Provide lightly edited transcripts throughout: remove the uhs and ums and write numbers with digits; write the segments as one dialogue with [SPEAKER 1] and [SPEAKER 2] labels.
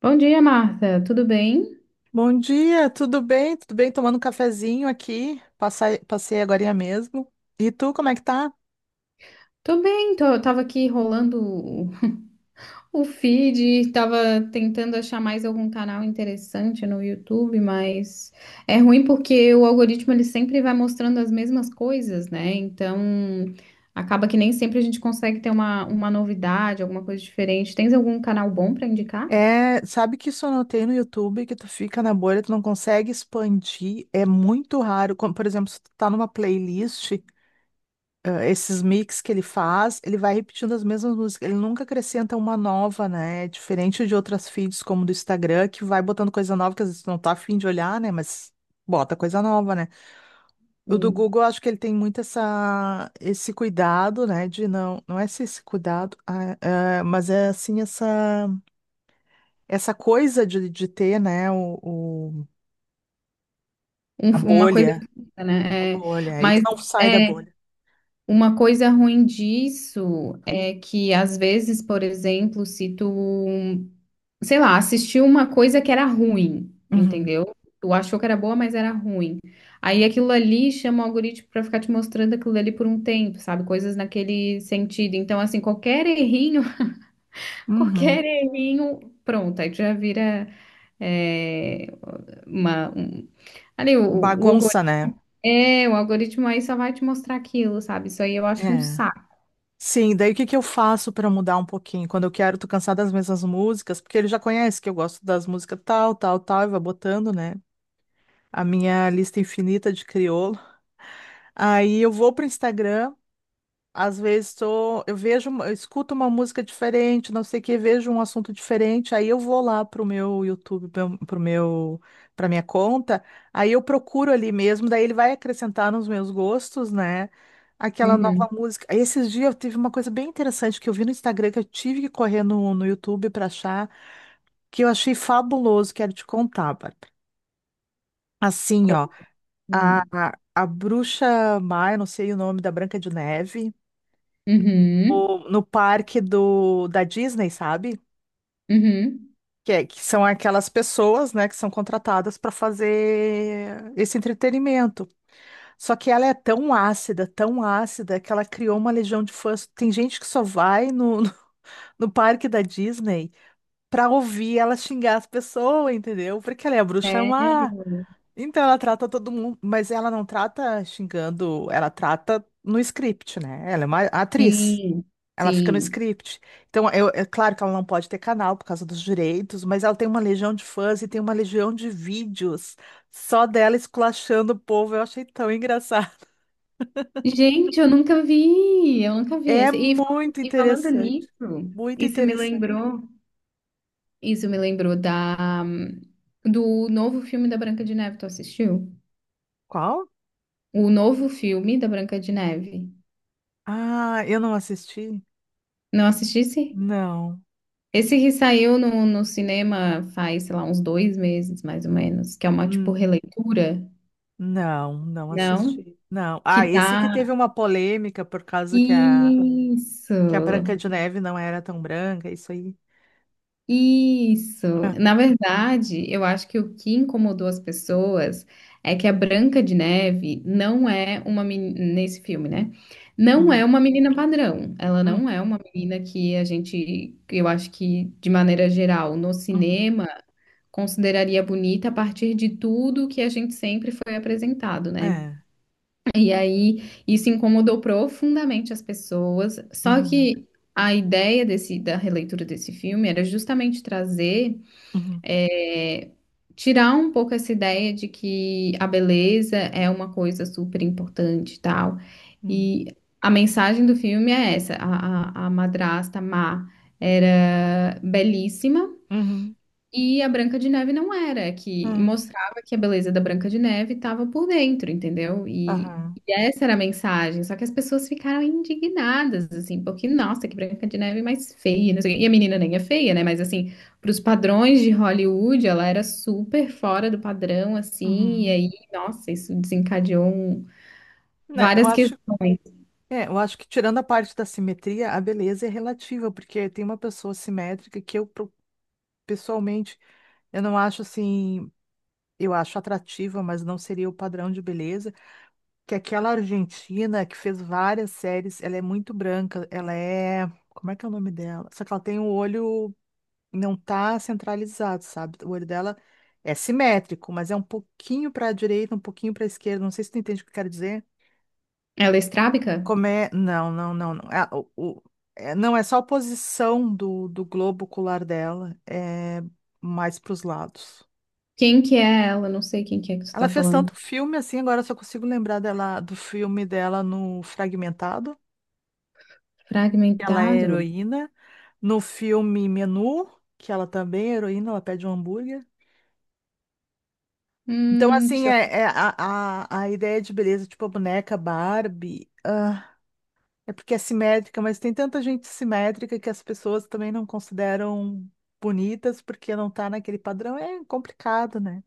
[SPEAKER 1] Bom dia, Marta. Tudo bem?
[SPEAKER 2] Bom dia, tudo bem? Tudo bem? Tomando um cafezinho aqui. Passei agorinha mesmo. E tu, como é que tá?
[SPEAKER 1] Tô bem, tava aqui rolando o, o feed, tava tentando achar mais algum canal interessante no YouTube, mas é ruim porque o algoritmo ele sempre vai mostrando as mesmas coisas, né? Então acaba que nem sempre a gente consegue ter uma novidade, alguma coisa diferente. Tens algum canal bom para indicar?
[SPEAKER 2] É, sabe que isso eu notei no YouTube, que tu fica na bolha, tu não consegue expandir, é muito raro. Como, por exemplo, se tu tá numa playlist, esses mix que ele faz, ele vai repetindo as mesmas músicas, ele nunca acrescenta uma nova, né? É diferente de outras feeds como do Instagram, que vai botando coisa nova, que às vezes tu não tá afim de olhar, né? Mas bota coisa nova, né? O do
[SPEAKER 1] Hum.
[SPEAKER 2] Google, eu acho que ele tem muito essa, esse cuidado, né? De não, não é esse cuidado, mas é assim, essa. Essa coisa de ter, né, o, o-
[SPEAKER 1] Um-
[SPEAKER 2] a
[SPEAKER 1] uma coisa,
[SPEAKER 2] bolha,
[SPEAKER 1] fixa, né?
[SPEAKER 2] e tu
[SPEAKER 1] Mas
[SPEAKER 2] não sai da
[SPEAKER 1] é,
[SPEAKER 2] bolha.
[SPEAKER 1] Uma coisa ruim disso é que, às vezes, por exemplo, se tu, sei lá, assistiu uma coisa que era ruim,
[SPEAKER 2] Uhum,
[SPEAKER 1] entendeu? Tu achou que era boa, mas era ruim. Aí aquilo ali chama o algoritmo pra ficar te mostrando aquilo ali por um tempo, sabe? Coisas naquele sentido. Então, assim, qualquer errinho,
[SPEAKER 2] uhum.
[SPEAKER 1] qualquer errinho, pronto, aí tu já vira é, uma, um- ali o
[SPEAKER 2] Bagunça,
[SPEAKER 1] algoritmo.
[SPEAKER 2] né?
[SPEAKER 1] É, o algoritmo aí só vai te mostrar aquilo, sabe? Isso aí eu acho um
[SPEAKER 2] É.
[SPEAKER 1] saco.
[SPEAKER 2] Sim, daí o que que eu faço pra mudar um pouquinho? Quando eu quero, tô cansada das mesmas músicas, porque ele já conhece que eu gosto das músicas tal, tal, tal, e vai botando, né? A minha lista infinita de crioulo. Aí eu vou pro Instagram. Às vezes tô, eu vejo, eu escuto uma música diferente, não sei o que, vejo um assunto diferente, aí eu vou lá pro meu YouTube, pro meu, pra minha conta, aí eu procuro ali mesmo, daí ele vai acrescentar nos meus gostos, né? Aquela nova
[SPEAKER 1] Uhum.
[SPEAKER 2] música. Aí esses dias eu tive uma coisa bem interessante que eu vi no Instagram, que eu tive que correr no, no YouTube pra achar, que eu achei fabuloso, quero te contar, Bárbara. Assim, ó,
[SPEAKER 1] Hum.
[SPEAKER 2] a bruxa má, eu não sei o nome da Branca de Neve.
[SPEAKER 1] Uhum.
[SPEAKER 2] No parque do, da Disney, sabe?
[SPEAKER 1] Uhum.
[SPEAKER 2] Que, que são aquelas pessoas, né, que são contratadas para fazer esse entretenimento. Só que ela é tão ácida, que ela criou uma legião de fãs. Tem gente que só vai no, no, no parque da Disney pra ouvir ela xingar as pessoas, entendeu? Porque ela é a bruxa
[SPEAKER 1] Sério?
[SPEAKER 2] má. Então ela trata todo mundo, mas ela não trata xingando, ela trata no script, né? Ela é uma atriz.
[SPEAKER 1] Sim,
[SPEAKER 2] Ela fica no
[SPEAKER 1] sim.
[SPEAKER 2] script. Então, é claro que ela não pode ter canal por causa dos direitos, mas ela tem uma legião de fãs e tem uma legião de vídeos só dela esculachando o povo. Eu achei tão engraçado.
[SPEAKER 1] Gente, eu nunca vi
[SPEAKER 2] É
[SPEAKER 1] esse. E, falando-
[SPEAKER 2] muito
[SPEAKER 1] e falando
[SPEAKER 2] interessante.
[SPEAKER 1] nisso,
[SPEAKER 2] Muito
[SPEAKER 1] isso me
[SPEAKER 2] interessante.
[SPEAKER 1] lembrou, isso me lembrou da do novo filme da Branca de Neve. Tu assistiu?
[SPEAKER 2] Qual?
[SPEAKER 1] O novo filme da Branca de Neve.
[SPEAKER 2] Ah, eu não assisti?
[SPEAKER 1] Não assistisse?
[SPEAKER 2] Não.
[SPEAKER 1] Esse que saiu no cinema faz, sei lá, uns 2 meses, mais ou menos, que é uma, tipo,
[SPEAKER 2] Hum,
[SPEAKER 1] releitura,
[SPEAKER 2] não, não
[SPEAKER 1] não?
[SPEAKER 2] assisti. Não. Ah,
[SPEAKER 1] Que
[SPEAKER 2] esse que teve
[SPEAKER 1] tá
[SPEAKER 2] uma polêmica por causa
[SPEAKER 1] Isso,
[SPEAKER 2] que a Branca de Neve não era tão branca, isso aí.
[SPEAKER 1] isso.
[SPEAKER 2] É.
[SPEAKER 1] Na verdade, eu acho que o que incomodou as pessoas é que a Branca de Neve não é uma menina, nesse filme, né? Não
[SPEAKER 2] Uhum,
[SPEAKER 1] é uma menina padrão. Ela
[SPEAKER 2] uhum,
[SPEAKER 1] não é uma menina que a gente, que eu acho que de maneira geral, no
[SPEAKER 2] uhum.
[SPEAKER 1] cinema, consideraria bonita a partir de tudo que a gente sempre foi apresentado, né?
[SPEAKER 2] É.
[SPEAKER 1] E aí isso incomodou profundamente as pessoas. Só
[SPEAKER 2] Uhum,
[SPEAKER 1] que a ideia desse, da releitura desse filme era justamente trazer,
[SPEAKER 2] uhum.
[SPEAKER 1] é, tirar um pouco essa ideia de que a beleza é uma coisa super importante e tal.
[SPEAKER 2] Hum.
[SPEAKER 1] E a mensagem do filme é essa: a madrasta má era belíssima.
[SPEAKER 2] Uhum.
[SPEAKER 1] E a Branca de Neve não era, é
[SPEAKER 2] É,
[SPEAKER 1] que mostrava que a beleza da Branca de Neve estava por dentro, entendeu? E,
[SPEAKER 2] aham,
[SPEAKER 1] e essa era a mensagem. Só que as pessoas ficaram indignadas, assim, porque, nossa, que Branca de Neve mais feia, não sei o quê. E a menina nem é feia, né? Mas, assim, para os padrões de Hollywood, ela era super fora do padrão, assim. E
[SPEAKER 2] uhum.
[SPEAKER 1] aí, nossa, isso desencadeou
[SPEAKER 2] Né, eu
[SPEAKER 1] várias
[SPEAKER 2] acho,
[SPEAKER 1] questões.
[SPEAKER 2] é, eu acho que tirando a parte da simetria, a beleza é relativa, porque tem uma pessoa simétrica que eu pessoalmente eu não acho assim, eu acho atrativa, mas não seria o padrão de beleza, que é aquela argentina que fez várias séries, ela é muito branca, ela é, como é que é o nome dela? Só que ela tem o olho não tá centralizado, sabe? O olho dela é simétrico, mas é um pouquinho para a direita, um pouquinho para a esquerda. Não sei se tu entende o que eu quero dizer.
[SPEAKER 1] Ela é estrábica?
[SPEAKER 2] Como é? Não, não, não, não. Ah, é, não é só a posição do, do globo ocular dela, é mais para os lados.
[SPEAKER 1] Quem que é ela? Não sei quem que é que você
[SPEAKER 2] Ela
[SPEAKER 1] está
[SPEAKER 2] fez
[SPEAKER 1] falando.
[SPEAKER 2] tanto filme assim, agora eu só consigo lembrar dela do filme dela no Fragmentado, que ela é
[SPEAKER 1] Fragmentado?
[SPEAKER 2] heroína, no filme Menu, que ela também é heroína, ela pede um hambúrguer. Então,
[SPEAKER 1] Hum,
[SPEAKER 2] assim,
[SPEAKER 1] deixa eu...
[SPEAKER 2] a ideia de beleza, tipo a boneca Barbie, ah, é porque é simétrica, mas tem tanta gente simétrica que as pessoas também não consideram bonitas porque não tá naquele padrão. É complicado, né?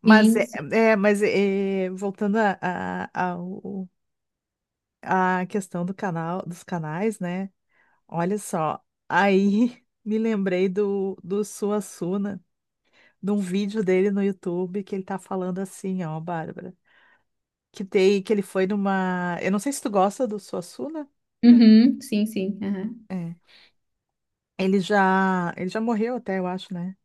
[SPEAKER 2] Mas,
[SPEAKER 1] sim.
[SPEAKER 2] voltando à à questão do canal, dos canais, né? Olha só, aí me lembrei do, do Suassuna, de um vídeo dele no YouTube que ele tá falando assim, ó, Bárbara. Que, tem, que ele foi numa. Eu não sei se tu gosta do Suassuna.
[SPEAKER 1] Uhum, sim, sim. Aham.
[SPEAKER 2] É. Ele já morreu até, eu acho, né?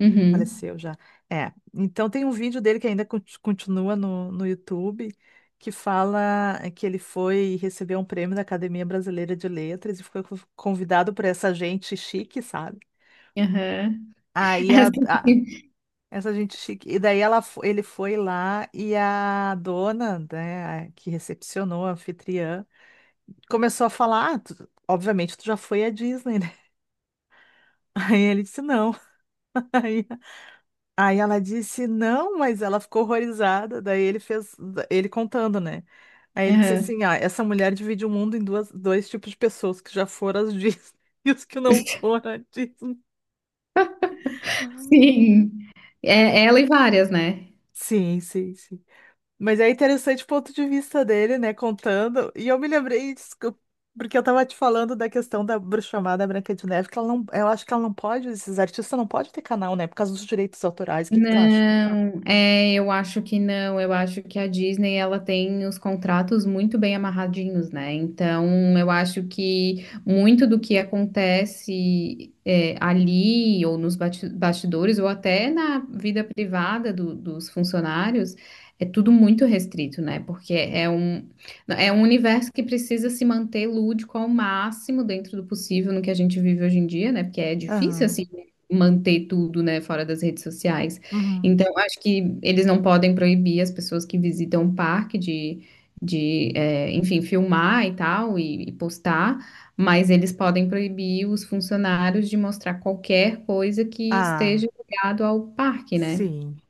[SPEAKER 1] Uhum.
[SPEAKER 2] Faleceu já. É. Então tem um vídeo dele que ainda continua no, no YouTube, que fala que ele foi receber um prêmio da Academia Brasileira de Letras e foi convidado por essa gente chique, sabe?
[SPEAKER 1] Aham.
[SPEAKER 2] Aí
[SPEAKER 1] É, sim.
[SPEAKER 2] essa gente chique. E daí ela, ele foi lá e a dona, né, a que recepcionou, a anfitriã, começou a falar, "Ah, obviamente tu já foi à Disney, né?" Aí ele disse não. Aí, aí ela disse não, mas ela ficou horrorizada. Daí ele fez, ele contando, né? Aí ele disse
[SPEAKER 1] Aham.
[SPEAKER 2] assim, ah, essa mulher divide o mundo em duas, dois tipos de pessoas que já foram às Disney e os que não foram à Disney.
[SPEAKER 1] Sim. É, é ela e várias, né?
[SPEAKER 2] Sim, sim, sim. Mas é interessante o ponto de vista dele, né, contando. E eu me lembrei disso, porque eu estava te falando da questão da bruxa chamada Branca de Neve, que ela não, eu acho que ela não pode, esses artistas não podem ter canal, né, por causa dos direitos autorais. O que que tu acha?
[SPEAKER 1] Não, eu acho que não. Eu acho que a Disney ela tem os contratos muito bem amarradinhos, né? Então, eu acho que muito do que acontece ali ou nos bastidores ou até na vida privada dos funcionários é tudo muito restrito, né? Porque é um universo que precisa se manter lúdico ao máximo dentro do possível no que a gente vive hoje em dia, né? Porque é difícil
[SPEAKER 2] Aham.
[SPEAKER 1] assim manter tudo, né, fora das redes sociais.
[SPEAKER 2] Uhum.
[SPEAKER 1] Então, acho que eles não podem proibir as pessoas que visitam o parque de enfim, filmar e tal, e postar, mas eles podem proibir os funcionários de mostrar qualquer coisa que
[SPEAKER 2] Ah,
[SPEAKER 1] esteja ligado ao parque, né?
[SPEAKER 2] sim.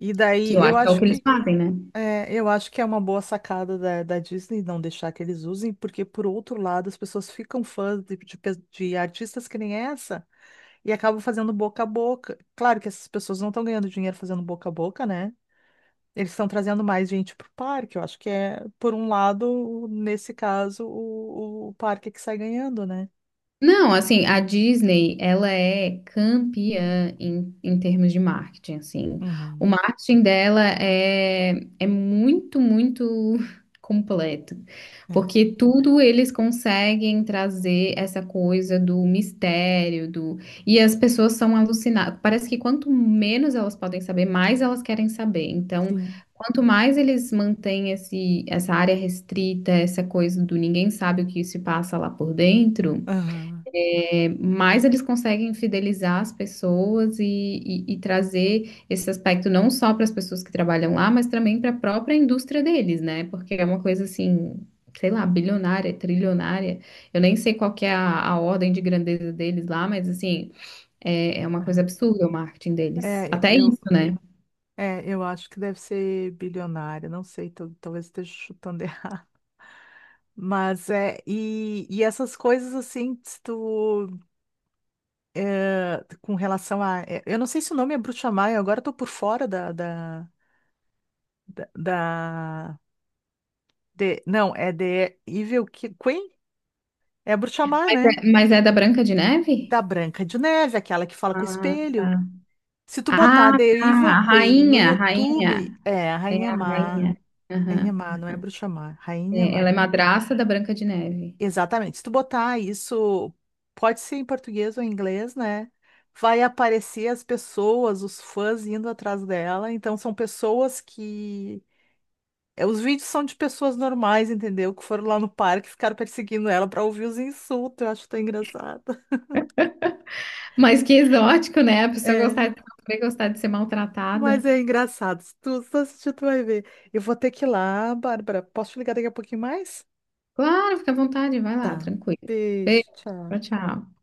[SPEAKER 2] E
[SPEAKER 1] Que
[SPEAKER 2] daí
[SPEAKER 1] eu
[SPEAKER 2] eu
[SPEAKER 1] acho que é o
[SPEAKER 2] acho
[SPEAKER 1] que eles
[SPEAKER 2] que
[SPEAKER 1] fazem, né?
[SPEAKER 2] é, eu acho que é uma boa sacada da, da Disney não deixar que eles usem, porque por outro lado as pessoas ficam fãs de de artistas que nem essa. E acabam fazendo boca a boca. Claro que essas pessoas não estão ganhando dinheiro fazendo boca a boca, né? Eles estão trazendo mais gente pro parque. Eu acho que é, por um lado, nesse caso, o parque é que sai ganhando, né?
[SPEAKER 1] Não, assim, a Disney, ela é campeã em termos de marketing, assim. O
[SPEAKER 2] Uhum.
[SPEAKER 1] marketing dela é muito, muito completo,
[SPEAKER 2] É.
[SPEAKER 1] porque tudo eles conseguem trazer essa coisa do mistério, do. E as pessoas são alucinadas. Parece que quanto menos elas podem saber, mais elas querem saber. Então,
[SPEAKER 2] Sim.
[SPEAKER 1] quanto mais eles mantêm esse, essa área restrita, essa coisa do ninguém sabe o que se passa lá por dentro,
[SPEAKER 2] Aham.
[SPEAKER 1] mais eles conseguem fidelizar as pessoas e trazer esse aspecto não só para as pessoas que trabalham lá, mas também para a própria indústria deles, né? Porque é uma coisa assim, sei lá, bilionária, trilionária. Eu nem sei qual que é a ordem de grandeza deles lá, mas assim, é uma coisa
[SPEAKER 2] Aham.
[SPEAKER 1] absurda o marketing deles.
[SPEAKER 2] É,
[SPEAKER 1] Até
[SPEAKER 2] eu,
[SPEAKER 1] isso, né?
[SPEAKER 2] eu acho que deve ser bilionária, não sei, talvez esteja chutando errado. Mas essas coisas assim, se tu, é, com relação a. É, eu não sei se o nome é bruxamar, eu agora tô por fora da, da, Da, da- não, é The Evil Queen? É a bruxa má,
[SPEAKER 1] Mas
[SPEAKER 2] né?
[SPEAKER 1] mas é da Branca de Neve?
[SPEAKER 2] Da Branca de Neve, aquela que fala com o
[SPEAKER 1] Ah,
[SPEAKER 2] espelho.
[SPEAKER 1] tá.
[SPEAKER 2] Se tu
[SPEAKER 1] Ah,
[SPEAKER 2] botar The
[SPEAKER 1] tá.
[SPEAKER 2] Evil
[SPEAKER 1] A
[SPEAKER 2] Queen no
[SPEAKER 1] rainha, a
[SPEAKER 2] YouTube,
[SPEAKER 1] rainha.
[SPEAKER 2] é a
[SPEAKER 1] É
[SPEAKER 2] Rainha
[SPEAKER 1] a
[SPEAKER 2] Má.
[SPEAKER 1] rainha.
[SPEAKER 2] Rainha
[SPEAKER 1] Aham.
[SPEAKER 2] Má, não é bruxa má, Rainha
[SPEAKER 1] É,
[SPEAKER 2] Má.
[SPEAKER 1] ela é madrasta da Branca de Neve.
[SPEAKER 2] Exatamente. Se tu botar isso, pode ser em português ou em inglês, né? Vai aparecer as pessoas, os fãs indo atrás dela. Então, são pessoas que é, os vídeos são de pessoas normais, entendeu? Que foram lá no parque e ficaram perseguindo ela pra ouvir os insultos. Eu acho tão engraçado.
[SPEAKER 1] Mas que exótico, né? A pessoa
[SPEAKER 2] É.
[SPEAKER 1] também gostar de ser
[SPEAKER 2] Mas
[SPEAKER 1] maltratada.
[SPEAKER 2] é engraçado. Se tu, se tu assistir, tu vai ver. Eu vou ter que ir lá, Bárbara. Posso te ligar daqui a pouquinho mais?
[SPEAKER 1] Claro, fica à vontade, vai lá,
[SPEAKER 2] Tá.
[SPEAKER 1] tranquilo. Beijo,
[SPEAKER 2] Beijo, tchau.
[SPEAKER 1] tchau, tchau.